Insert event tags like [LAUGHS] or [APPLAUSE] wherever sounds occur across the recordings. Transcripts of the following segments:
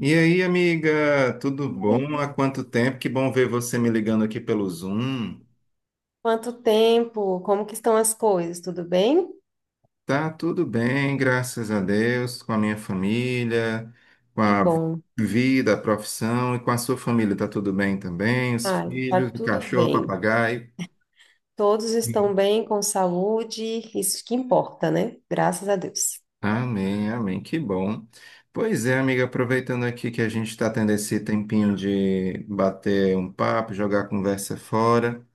E aí, amiga, tudo bom? Oi. Há quanto tempo? Que bom ver você me ligando aqui pelo Zoom. Quanto tempo? Como que estão as coisas? Tudo bem? Tá tudo bem, graças a Deus, com a minha família, com Que a bom. vida, a profissão e com a sua família. Tá tudo bem também? Os Ah, tá filhos, o tudo cachorro, o bem. papagaio. Todos estão Hum. bem, com saúde, isso que importa, né? Graças a Deus. Amém, amém, que bom. Pois é, amiga, aproveitando aqui que a gente está tendo esse tempinho de bater um papo, jogar a conversa fora.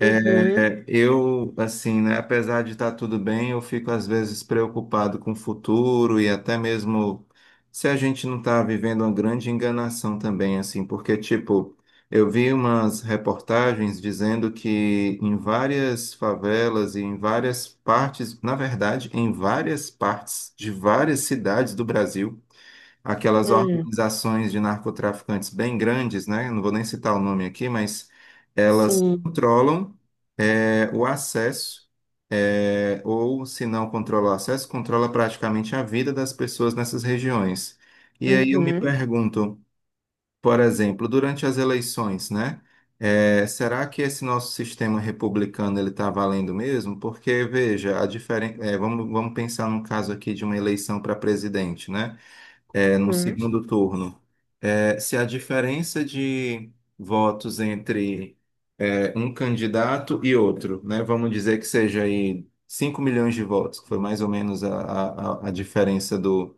Uhum, É, eu, assim, né, apesar de estar tudo bem, eu fico às vezes preocupado com o futuro e até mesmo se a gente não está vivendo uma grande enganação também, assim, porque, tipo, eu vi umas reportagens dizendo que em várias favelas e em várias partes, na verdade, em várias partes de várias cidades do Brasil, aquelas hum, organizações de narcotraficantes bem grandes, né, não vou nem citar o nome aqui, mas elas sim. controlam o acesso, ou se não controla o acesso, controla praticamente a vida das pessoas nessas regiões. E aí eu me Uhum, pergunto, por exemplo, durante as eleições, né? Será que esse nosso sistema republicano ele está valendo mesmo? Porque veja, vamos pensar num caso aqui de uma eleição para presidente, né? No uhum, segundo turno, se a diferença de votos entre um candidato e outro, né, vamos dizer que seja aí 5 milhões de votos, que foi mais ou menos a diferença do,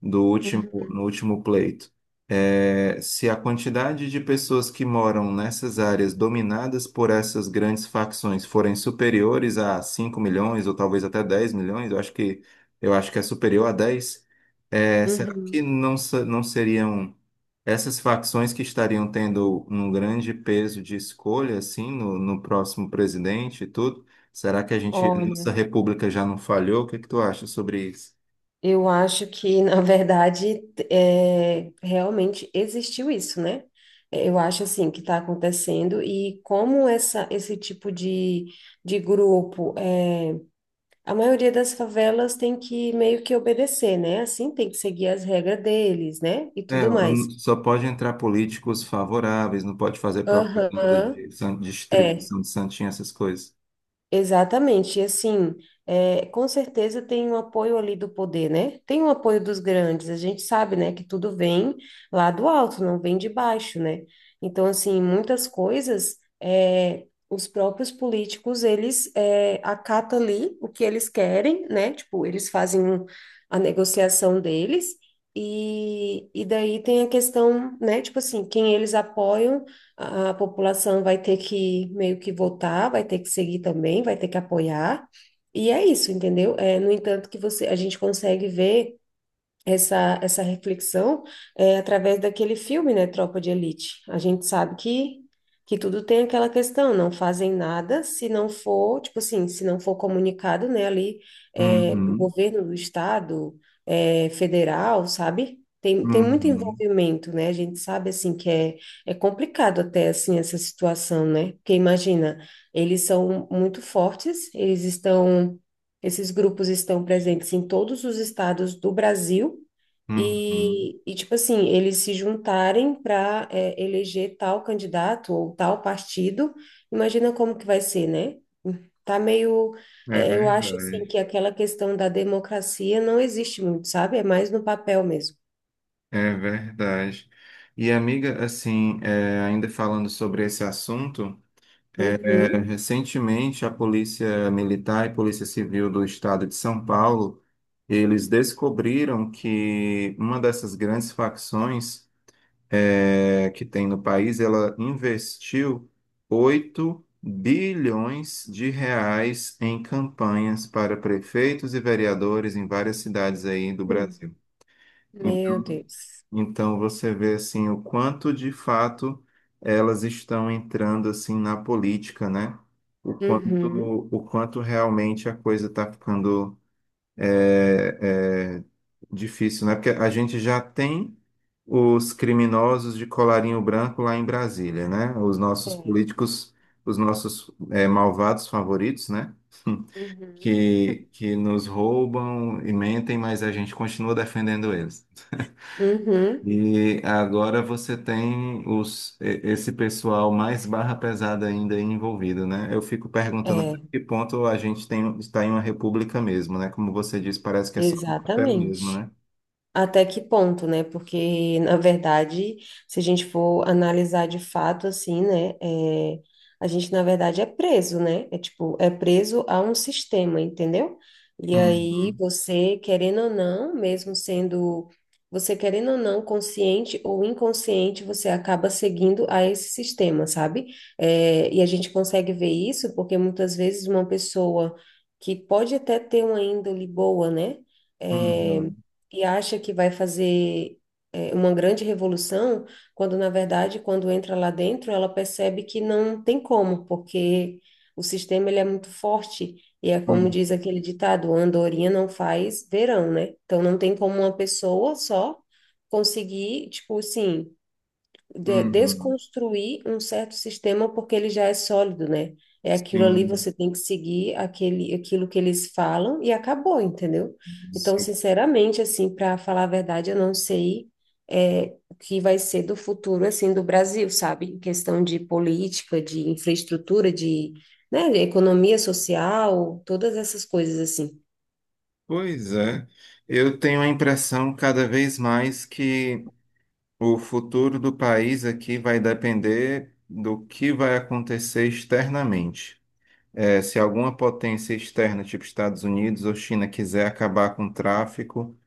do último, uhum, no último pleito. É, se a quantidade de pessoas que moram nessas áreas dominadas por essas grandes facções forem superiores a 5 milhões ou talvez até 10 milhões, eu acho que é superior a 10, será que uhum. não, não seriam essas facções que estariam tendo um grande peso de escolha assim no próximo presidente e tudo? Será que a nossa Olha, república já não falhou? O que é que tu acha sobre isso? eu acho que, [LAUGHS] na verdade, realmente existiu isso, né? Eu acho, assim, que está acontecendo e como esse tipo de grupo a maioria das favelas tem que meio que obedecer, né? Assim, tem que seguir as regras deles, né? E tudo mais. Só pode entrar políticos favoráveis, não pode fazer propaganda Aham, de é. distribuição de santinha, essas coisas. Exatamente, e assim, com certeza tem um apoio ali do poder, né? Tem um apoio dos grandes, a gente sabe, né, que tudo vem lá do alto, não vem de baixo, né? Então, assim, muitas coisas, os próprios políticos, eles acatam ali o que eles querem, né? Tipo, eles fazem a negociação deles, e daí tem a questão, né, tipo assim, quem eles apoiam a população vai ter que meio que votar, vai ter que seguir também, vai ter que apoiar. E é isso, entendeu? No entanto, que a gente consegue ver essa reflexão através daquele filme, né, Tropa de Elite. A gente sabe que tudo tem aquela questão, não fazem nada se não for, tipo assim, se não for comunicado, né, ali, o Uhum, governo do estado, federal, sabe? Tem muito uhum, envolvimento, né? A gente sabe, assim, que é complicado até, assim, essa situação, né? Porque imagina, eles são muito fortes, eles estão esses grupos estão presentes em todos os estados do Brasil uhum. e tipo assim, eles se juntarem para eleger tal candidato ou tal partido. Imagina como que vai ser, né? Tá meio, É eu acho assim verdade, que aquela questão da democracia não existe muito, sabe? É mais no papel mesmo. é verdade. E amiga, assim, ainda falando sobre esse assunto, Uhum. recentemente a Polícia Militar e Polícia Civil do Estado de São Paulo, eles descobriram que uma dessas grandes facções que tem no país, ela investiu 8 bilhões de reais em campanhas para prefeitos e vereadores em várias cidades aí do Hum. Brasil. Meu Então, Deus. então você vê assim o quanto de fato elas estão entrando assim na política, né? Uhum. O quanto realmente a coisa está ficando é, é difícil, né? Porque a gente já tem os criminosos de colarinho branco lá em Brasília, né? Os nossos É. políticos, os nossos malvados favoritos, né? [LAUGHS] Uhum. Que nos roubam e mentem, mas a gente continua defendendo eles. Uhum. E agora você tem esse pessoal mais barra pesada ainda envolvido, né? Eu fico perguntando até É, que ponto está em uma república mesmo, né? Como você disse, parece que é só um papel mesmo, exatamente. né? Até que ponto, né? Porque, na verdade, se a gente for analisar de fato, assim, né? A gente, na verdade, é preso, né? É tipo, é preso a um sistema, entendeu? E aí, Uhum, você, querendo ou não, consciente ou inconsciente, você acaba seguindo a esse sistema, sabe? E a gente consegue ver isso porque muitas vezes uma pessoa que pode até ter uma índole boa, né? É, uhum, e acha que vai fazer uma grande revolução, quando na verdade, quando entra lá dentro, ela percebe que não tem como, porque o sistema ele é muito forte e é como uhum, diz aquele ditado, andorinha não faz verão, né? Então não tem como uma pessoa só conseguir, tipo assim, uhum. desconstruir um certo sistema porque ele já é sólido, né? É aquilo ali, Sim, você tem que seguir aquilo que eles falam e acabou, entendeu? Então, sim. sinceramente, assim, para falar a verdade, eu não sei o que vai ser do futuro, assim, do Brasil, sabe? Em questão de política, de infraestrutura, né, de economia social, todas essas coisas, assim. Pois é. Eu tenho a impressão cada vez mais que o futuro do país aqui vai depender do que vai acontecer externamente. Se alguma potência externa, tipo Estados Unidos ou China, quiser acabar com o tráfico,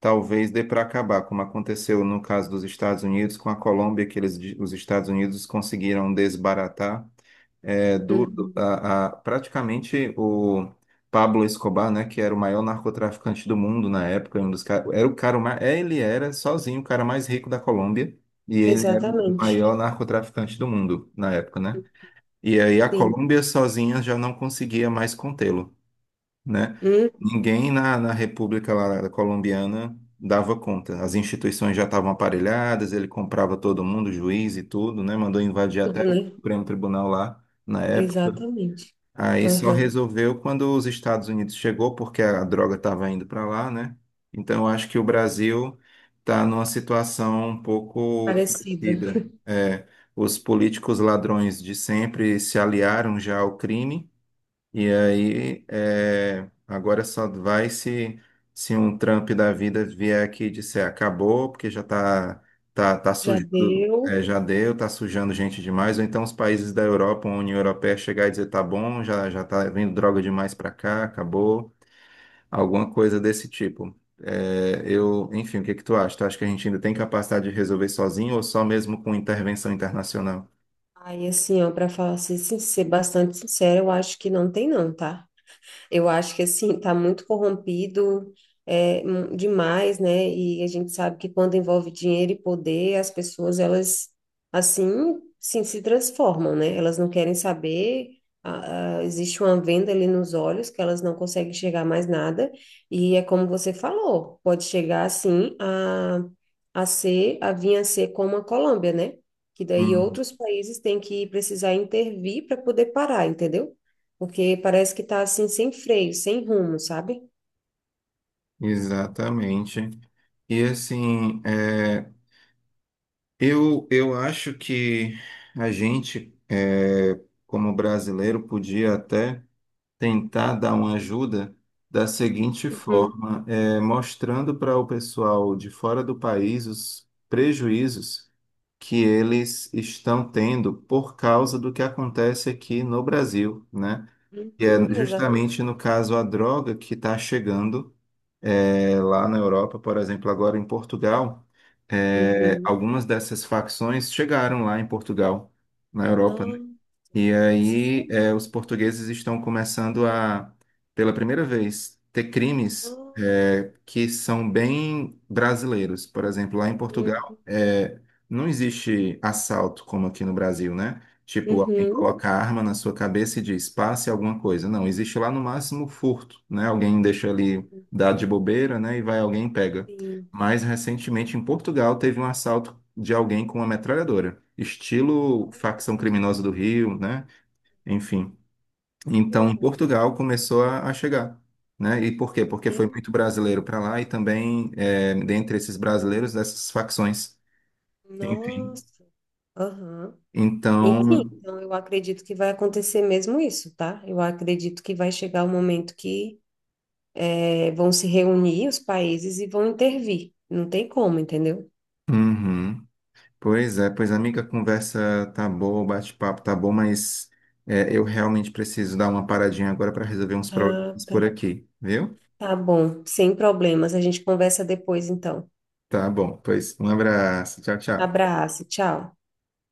talvez dê para acabar, como aconteceu no caso dos Estados Unidos com a Colômbia, que eles, os Estados Unidos conseguiram desbaratar Uhum. Praticamente o Pablo Escobar, né, que era o maior narcotraficante do mundo na época, era o cara mais, ele era sozinho o cara mais rico da Colômbia, e ele era o Exatamente, maior narcotraficante do mundo na época, né? E aí a sim. Colômbia sozinha já não conseguia mais contê-lo, né? Hum, Ninguém na República lá Colombiana dava conta. As instituições já estavam aparelhadas, ele comprava todo mundo, juiz e tudo, né? Mandou invadir tudo, até o né? Supremo Tribunal lá na época. Exatamente. Aí só Aham. resolveu quando os Estados Unidos chegou, porque a droga estava indo para lá, né? Então eu acho que o Brasil está numa situação um pouco Parecida. parecida. É, os políticos ladrões de sempre se aliaram já ao crime. E aí, agora só vai se um Trump da vida vier aqui e disser acabou, porque já tá, Já sujando, deu. Já deu, tá sujando gente demais. Ou então os países da Europa, a União Europeia chegar e dizer tá bom, já tá vindo droga demais para cá, acabou. Alguma coisa desse tipo. É, eu, enfim, o que que tu acha? Tu acha que a gente ainda tem capacidade de resolver sozinho ou só mesmo com intervenção internacional? Aí, assim, ó, para ser bastante sincera, eu acho que não tem não, tá? Eu acho que assim, está muito corrompido demais, né? E a gente sabe que quando envolve dinheiro e poder, as pessoas elas assim sim, se transformam, né? Elas não querem saber. Existe uma venda ali nos olhos que elas não conseguem enxergar mais nada. E é como você falou, pode chegar assim a vir a ser como a Colômbia, né? Que daí Hum, outros países têm que precisar intervir para poder parar, entendeu? Porque parece que tá assim, sem freio, sem rumo, sabe? exatamente. E assim, eu acho que a gente, como brasileiro, podia até tentar dar uma ajuda da seguinte Uhum. forma, mostrando para o pessoal de fora do país os prejuízos que eles estão tendo por causa do que acontece aqui no Brasil, né? E é Uhum, exato. justamente no caso a droga que está chegando. É, lá na Europa, por exemplo, agora em Portugal, Uhum. algumas dessas facções chegaram lá em Portugal, na Europa, Nossa, e aí, sério? Os Sabia? portugueses estão começando a, pela primeira vez, ter crimes, Nossa. Que são bem brasileiros. Por exemplo, lá em Uhum. Portugal, não existe assalto como aqui no Brasil, né? Tipo, alguém Uhum. coloca a arma na sua cabeça e diz, passe alguma coisa. Não, existe lá no máximo furto, né? Alguém deixa ali, Uhum. dá de bobeira, né? E vai alguém e pega. Sim. Mas recentemente em Portugal teve um assalto de alguém com uma metralhadora, estilo facção Nossa, criminosa do Rio, né? Enfim. que Então, horror. Portugal começou a chegar, né? E por quê? Porque foi Meu muito Deus. brasileiro para lá e também, é, dentre esses brasileiros, dessas facções. Enfim. Nossa. Aham. Enfim, Então, então eu acredito que vai acontecer mesmo isso, tá? Eu acredito que vai chegar o momento que vão se reunir os países e vão intervir. Não tem como, entendeu? uhum. Pois é, pois amiga, a conversa tá boa, o bate-papo tá bom, mas eu realmente preciso dar uma paradinha agora para resolver uns Ah, problemas por tá. aqui, viu? Tá bom, sem problemas. A gente conversa depois, então. Tá bom, pois um abraço, tchau, tchau. Abraço, tchau.